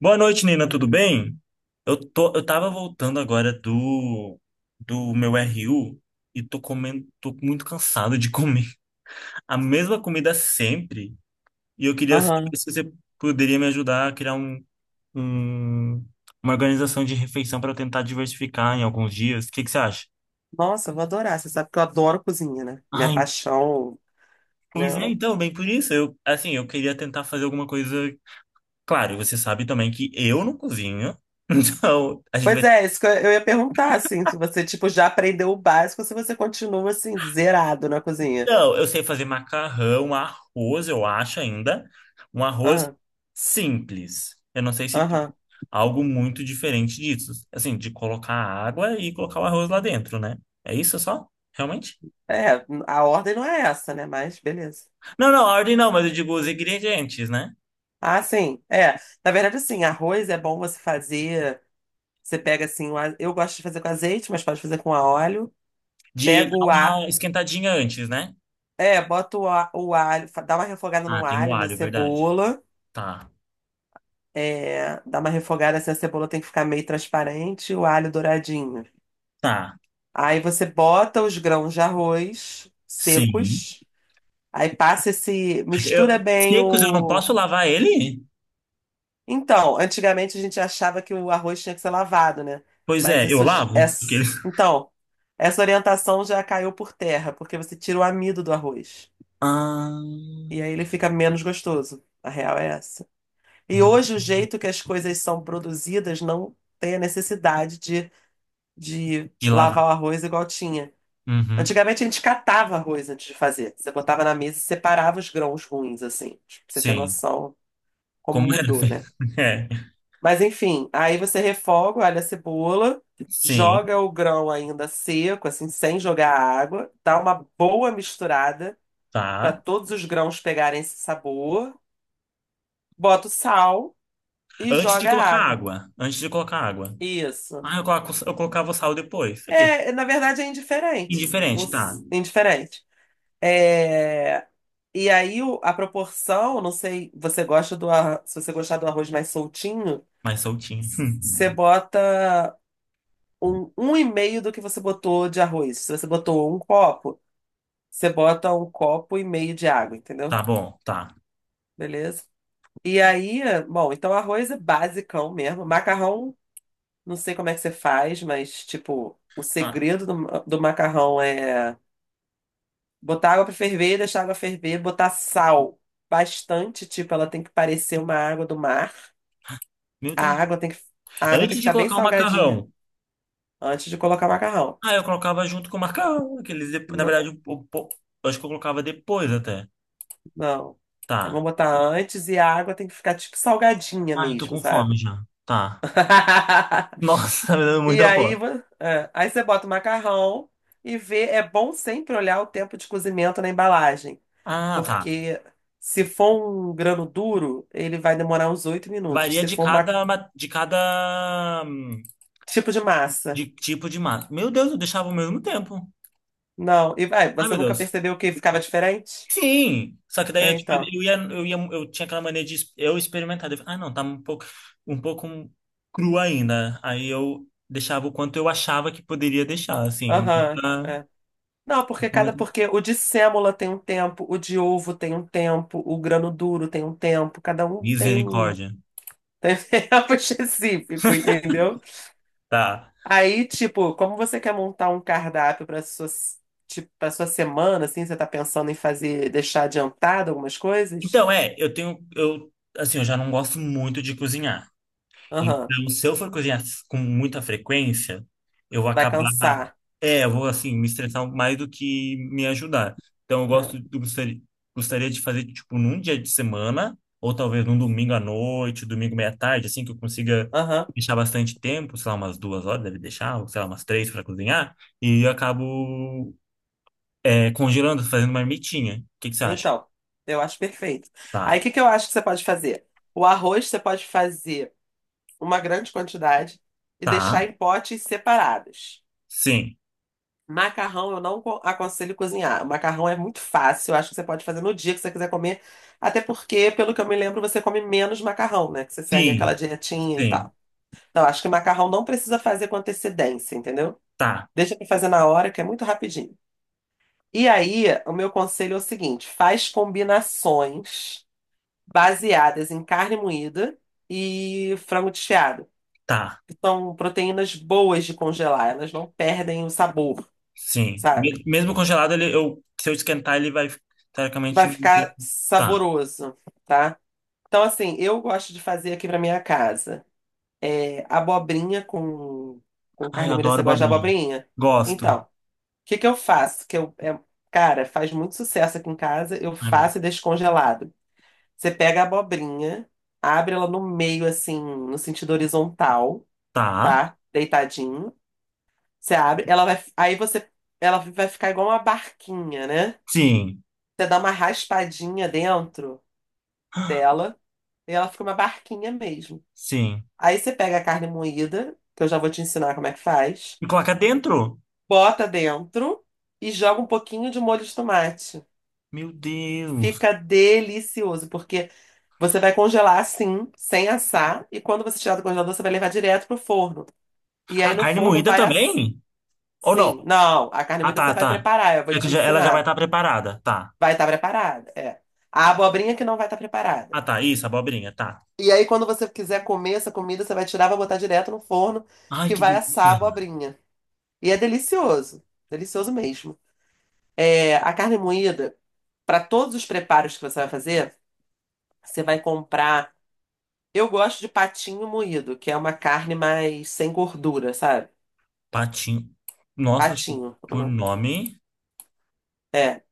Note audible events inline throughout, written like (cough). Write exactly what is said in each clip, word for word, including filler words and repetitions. Boa noite, Nina, tudo bem? Eu tô, eu tava voltando agora do do meu R U e tô comendo, tô muito cansado de comer (laughs) a mesma comida sempre. E eu queria saber Aham. se você poderia me ajudar a criar um, um- uma organização de refeição para eu tentar diversificar em alguns dias. O que que você acha? Nossa, eu vou adorar. Você sabe que eu adoro cozinha, né? Minha Ai, paixão. pois é, Meu... então, bem por isso. Eu, assim, eu queria tentar fazer alguma coisa. Claro, você sabe também que eu não cozinho. (laughs) Então, a gente Pois vai. é, isso que eu eu ia perguntar, assim, se você, tipo, já aprendeu o básico, se você continua, assim, zerado na cozinha. Não, eu sei fazer macarrão, arroz, eu acho ainda. Um arroz Aham, simples. Eu não sei se tem aham. algo muito diferente disso. Assim, de colocar água e colocar o arroz lá dentro, né? É isso só? Realmente? É, a ordem não é essa, né? Mas beleza. Não, não, a ordem não, mas eu digo os ingredientes, né? Ah, sim, é. Na verdade, assim, arroz é bom você fazer. Você pega, assim, o a- eu gosto de fazer com azeite, mas pode fazer com a óleo. De Pega dar o a... uma esquentadinha antes, né? É, bota o a- o alho, fa- dá uma refogada Ah, no tem o alho, na alho, verdade. cebola. Tá, É, dá uma refogada assim, a cebola tem que ficar meio transparente, o alho douradinho. tá. Aí você bota os grãos de arroz Sim. secos, aí passa esse, mistura Eu, bem secos, eu não o. posso lavar ele? Então, antigamente a gente achava que o arroz tinha que ser lavado, né? Pois Mas é, eu isso j- é. lavo. Porque s- eles... Então, essa orientação já caiu por terra, porque você tira o amido do arroz. Ah, E aí ele fica menos gostoso. A real é essa. E hum, hoje o jeito que as coisas são produzidas não tem a necessidade de de de lavar. lavar o arroz igual tinha. Uhum. Antigamente a gente catava arroz antes de fazer. Você botava na mesa e separava os grãos ruins, assim. Tipo, pra você ter Sim. noção como Como era mudou, né? feito? (laughs) É. Mas enfim, aí você refoga, olha a cebola, Sim, joga o grão ainda seco, assim, sem jogar água, dá uma boa misturada para tá. todos os grãos pegarem esse sabor, bota o sal e Antes de joga a colocar água. água. Antes de colocar água. Isso. Ah, eu, coloco, eu colocava o sal depois. Aquele. É, na verdade é indiferente. O Indiferente, tá. s- indiferente. É. E aí o- a proporção, não sei, você gosta do arroz, se você gostar do arroz mais soltinho, Mais soltinho. s- (laughs) você bota um, um e meio do que você botou de arroz. Se você botou um copo, você bota um copo e meio de água, entendeu? Tá bom, tá. Beleza? E aí, bom, então arroz é basicão mesmo. Macarrão, não sei como é que você faz, mas tipo, o Ah, segredo do, do macarrão é botar água pra ferver, deixar a água ferver, botar sal bastante, tipo, ela tem que parecer uma água do mar. meu A Deus. água tem que, a água tem que Antes de ficar bem colocar o salgadinha macarrão. antes de colocar o macarrão. Ah, eu colocava junto com o macarrão. Aqueles depo- Na N- verdade, o, o, po- eu acho que eu colocava depois até. Não. É Tá. bom botar antes e a água tem que ficar tipo salgadinha Ah, eu tô mesmo, com fome sabe? já. Tá. (laughs) Nossa, (laughs) tá me dando E muita aí, fome. vo- é, aí você bota o macarrão e vê. É bom sempre olhar o tempo de cozimento na embalagem, Ah, tá. porque se for um grano duro, ele vai demorar uns oito minutos. Varia Se de for um cada, ma- de cada. Hum, tipo de de massa, tipo de massa. Meu Deus, eu deixava ao mesmo tempo. não. E vai, Ai, você meu nunca Deus. percebeu que ficava diferente? Sim! Só que daí É, eu, tipo, então, eu ia, eu ia, eu tinha aquela maneira de es- eu experimentar. Eu falava, ah, não, tá um pouco, um pouco cru ainda. Aí eu deixava o quanto eu achava que poderia deixar, assim. aham, Pra- é. Não, porque cada porque o de sêmola tem um tempo, o de ovo tem um tempo, o grano duro tem um tempo, cada um tem um Misericórdia. tem (laughs) tempo específico, entendeu? Tá. Aí, tipo, como você quer montar um cardápio para sua tipo, para sua semana, assim, você tá pensando em fazer deixar adiantado algumas coisas? Então, é, eu tenho, eu, assim, eu já não gosto muito de cozinhar. Aham, Então, se eu for cozinhar com muita frequência, eu vou vai acabar. cansar. É, eu vou, assim, me estressar mais do que me ajudar. Então, eu Né? gosto, eu gostaria, gostaria de fazer, tipo, num dia de semana, ou talvez num domingo à noite, domingo meia-tarde, assim, que eu consiga Aham. deixar bastante tempo, sei lá, umas duas horas deve deixar, ou sei lá, umas três para cozinhar, e eu acabo, é, congelando, fazendo uma marmitinha. O que que você acha? Então, eu acho perfeito. Aí, o Tá, que que eu acho que você pode fazer? O arroz você pode fazer uma grande quantidade e deixar tá, em potes separados. sim, Macarrão eu não co- aconselho cozinhar. O macarrão é muito fácil, eu acho que você pode fazer no dia que você quiser comer, até porque, pelo que eu me lembro, você come menos macarrão, né? Que você segue sim, aquela dietinha e sim, tal. Então, acho que macarrão não precisa fazer com antecedência, entendeu? tá, Deixa pra fazer na hora, que é muito rapidinho. E aí, o meu conselho é o seguinte: faz combinações baseadas em carne moída e frango desfiado, tá. que são proteínas boas de congelar, elas não perdem o sabor. Sim. Sabe? Me- Mesmo congelado, ele, eu, se eu esquentar, ele vai, teoricamente, Vai manter. ficar Tá. saboroso, tá? Então, assim, eu gosto de fazer aqui pra minha casa. É, abobrinha com, com Ai, carne eu moída. adoro Você gosta de babrinha. abobrinha? Gosto. Então, o que que eu faço? Que eu, é- cara, faz muito sucesso aqui em casa. Eu Ai, meu Deus. faço e deixo congelado. Você pega a abobrinha, abre ela no meio, assim, no sentido horizontal, Tá. tá? Deitadinho. Você abre, ela vai, aí você, ela vai ficar igual uma barquinha, né? Sim. Você dá uma raspadinha dentro dela. E ela fica uma barquinha mesmo. Sim. Aí você pega a carne moída, que eu já vou te ensinar como é que faz, E coloca dentro? bota dentro e joga um pouquinho de molho de tomate. Meu Deus. Fica delicioso, porque você vai congelar assim, sem assar, e quando você tirar do congelador, você vai levar direto pro forno. E A aí no carne forno moída vai assim. também? Ou Sim, não? não, a carne Ah, moída você tá, vai tá. preparar, eu vou É que te já- ela já vai ensinar. estar preparada. Tá. Vai estar preparada, é. A abobrinha que não vai estar preparada. Ah, tá. Isso, abobrinha. Tá. E aí, quando você quiser comer essa comida, você vai tirar, vai botar direto no forno, Ai, que que vai assar delícia. a abobrinha. E é delicioso. Delicioso mesmo. É, a carne moída, para todos os preparos que você vai fazer, você vai comprar. Eu gosto de patinho moído, que é uma carne mais sem gordura, sabe? Patinho. Nossa, acho que Patinho. O por nome. nome. É.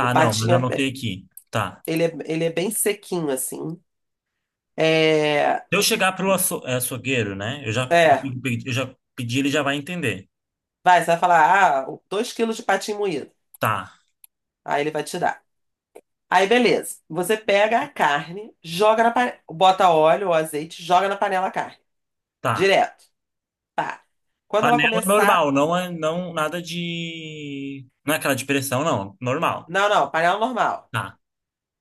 O não, mas patinho, anotei é- aqui. Tá. ele é, ele é bem sequinho, assim. É. Se eu chegar pro aço, é, açougueiro, né? Eu já, É. eu já pedi, ele já vai entender. Vai, você vai falar, ah, dois quilos de patinho moído. Tá, Aí ele vai tirar. Aí, beleza. Você pega a carne, joga na panela, bota óleo ou azeite, joga na panela a carne. tá. Direto. Tá. Quando ela Panela começar. normal, não é não, nada de. Não é aquela de pressão, não. Normal. Não, não, panela normal. Tá.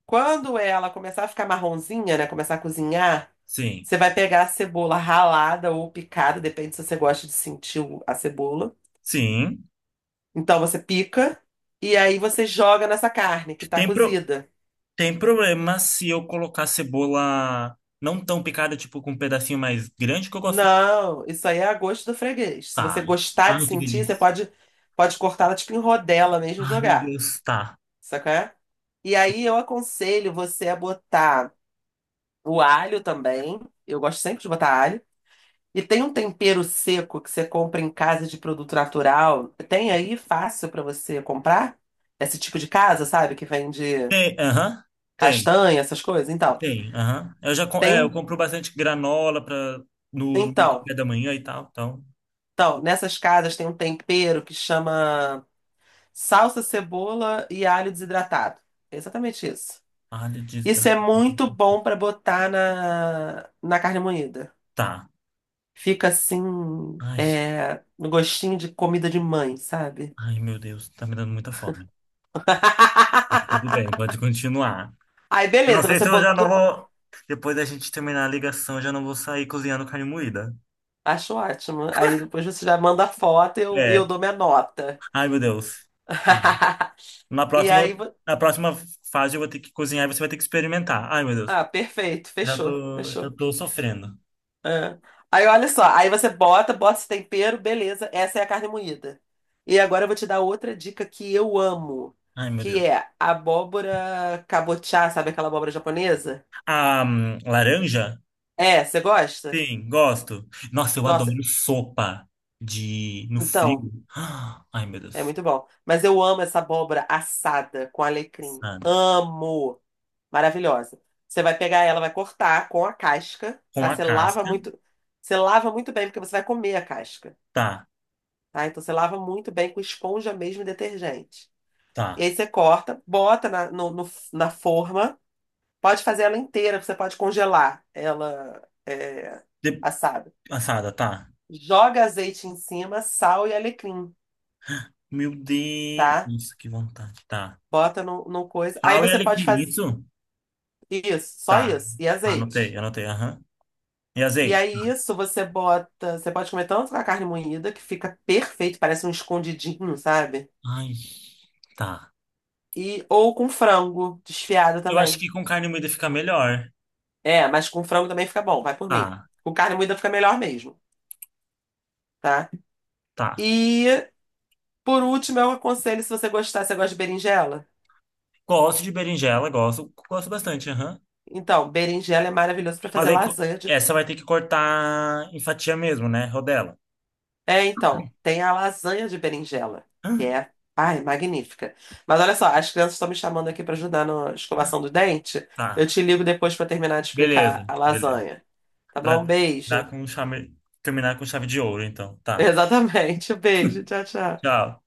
Quando ela começar a ficar marronzinha, né? Começar a cozinhar, Sim. você vai pegar a cebola ralada ou picada, depende se você gosta de sentir o- a cebola. Sim. Então você pica e aí você joga nessa carne que tá Tem, pro, cozida. tem problema se eu colocar cebola não tão picada, tipo com um pedacinho mais grande que eu gosto. Não, isso aí é a gosto do freguês. Se você Tá. gostar de Ai, que sentir, você delícia. pode, pode cortar ela tipo em rodela mesmo e Ai, meu jogar. Deus. Tá. Saca? E aí eu aconselho você a botar o alho também. Eu gosto sempre de botar alho. E tem um tempero seco que você compra em casa de produto natural. Tem aí fácil pra você comprar? Esse tipo de casa, sabe? Que vende Tem, aham. Tem. castanha, essas coisas. Então, Sim, aham. Eu já com- tem é, eu um. compro bastante granola para no, no Então, café da manhã e tal, então. então, nessas casas tem um tempero que chama salsa, cebola e alho desidratado. É exatamente isso. Alho de Isso estra- é muito bom pra botar na, na carne moída. Tá. Fica assim, Ai, é, no gostinho de comida de mãe, sabe? ai, meu Deus, tá me dando muita fome. (laughs) Tudo bem, pode continuar. Aí Eu não beleza, sei você se eu já não botou. vou. Depois da gente terminar a ligação, eu já não vou sair cozinhando carne moída. Acho ótimo. Aí depois você já manda a foto e eu, e eu É. dou minha nota. Ai, meu Deus. Tá. (laughs) Na E aí. próxima, vo- na próxima fase eu vou ter que cozinhar e você vai ter que experimentar. Ai, meu Deus. Ah, perfeito. Já Fechou, tô, já fechou. tô sofrendo. É. Aí olha só, aí você bota, bota esse tempero, beleza. Essa é a carne moída. E agora eu vou te dar outra dica que eu amo, Ai, meu que Deus. é abóbora cabotiá, sabe aquela abóbora japonesa? A hum, laranja? É, você gosta? Sim, gosto. Nossa, eu Nossa, adoro sopa de no então. frio. Ah, ai, meu É Deus. muito bom. Mas eu amo essa abóbora assada com alecrim. Assada. Amo! Maravilhosa. Você vai pegar ela, vai cortar com a casca, Com tá? a Você lava casca. muito, você lava muito bem, porque você vai comer a casca, Tá, tá? Então você lava muito bem com esponja mesmo e detergente. E tá. aí você corta, bota na, no- no- na forma. Pode fazer ela inteira, você pode congelar ela é, De- assada. Assada, tá. Joga azeite em cima, sal e alecrim, Meu Deus, tá? nossa, que vontade. Tá. Bota no, no coisa. Aí Sal e você pode alecrim, fazer. isso? Isso, só Tá. isso. E Anotei, azeite. anotei, aham. E E azeite? Tá. aí, isso você bota. Você pode comer tanto com a carne moída, que fica perfeito, parece um escondidinho, sabe? Ai, tá. E, ou com frango desfiado Eu acho também. que com carne moída fica melhor. É, mas com frango também fica bom, vai por mim. Tá, Com carne moída fica melhor mesmo, tá? tá. E, por último, eu aconselho, se você gostar, você gosta de berinjela? Gosto de berinjela, gosto, gosto bastante, aham. Então, berinjela é maravilhoso para Mas fazer aí co- lasanha. essa vai ter que cortar em fatia mesmo, né? Rodela. É, então, tem a lasanha de berinjela, que é, ai, magnífica. Mas olha só, as crianças estão me chamando aqui para ajudar na escovação do dente. Eu Tá. te ligo depois para terminar de explicar Beleza, a beleza. lasanha. Tá bom? Pra Beijo. dar com chave, terminar com chave de ouro, então. (laughs) Tá. Exatamente. Beijo. Tchau, tchau. Tchau.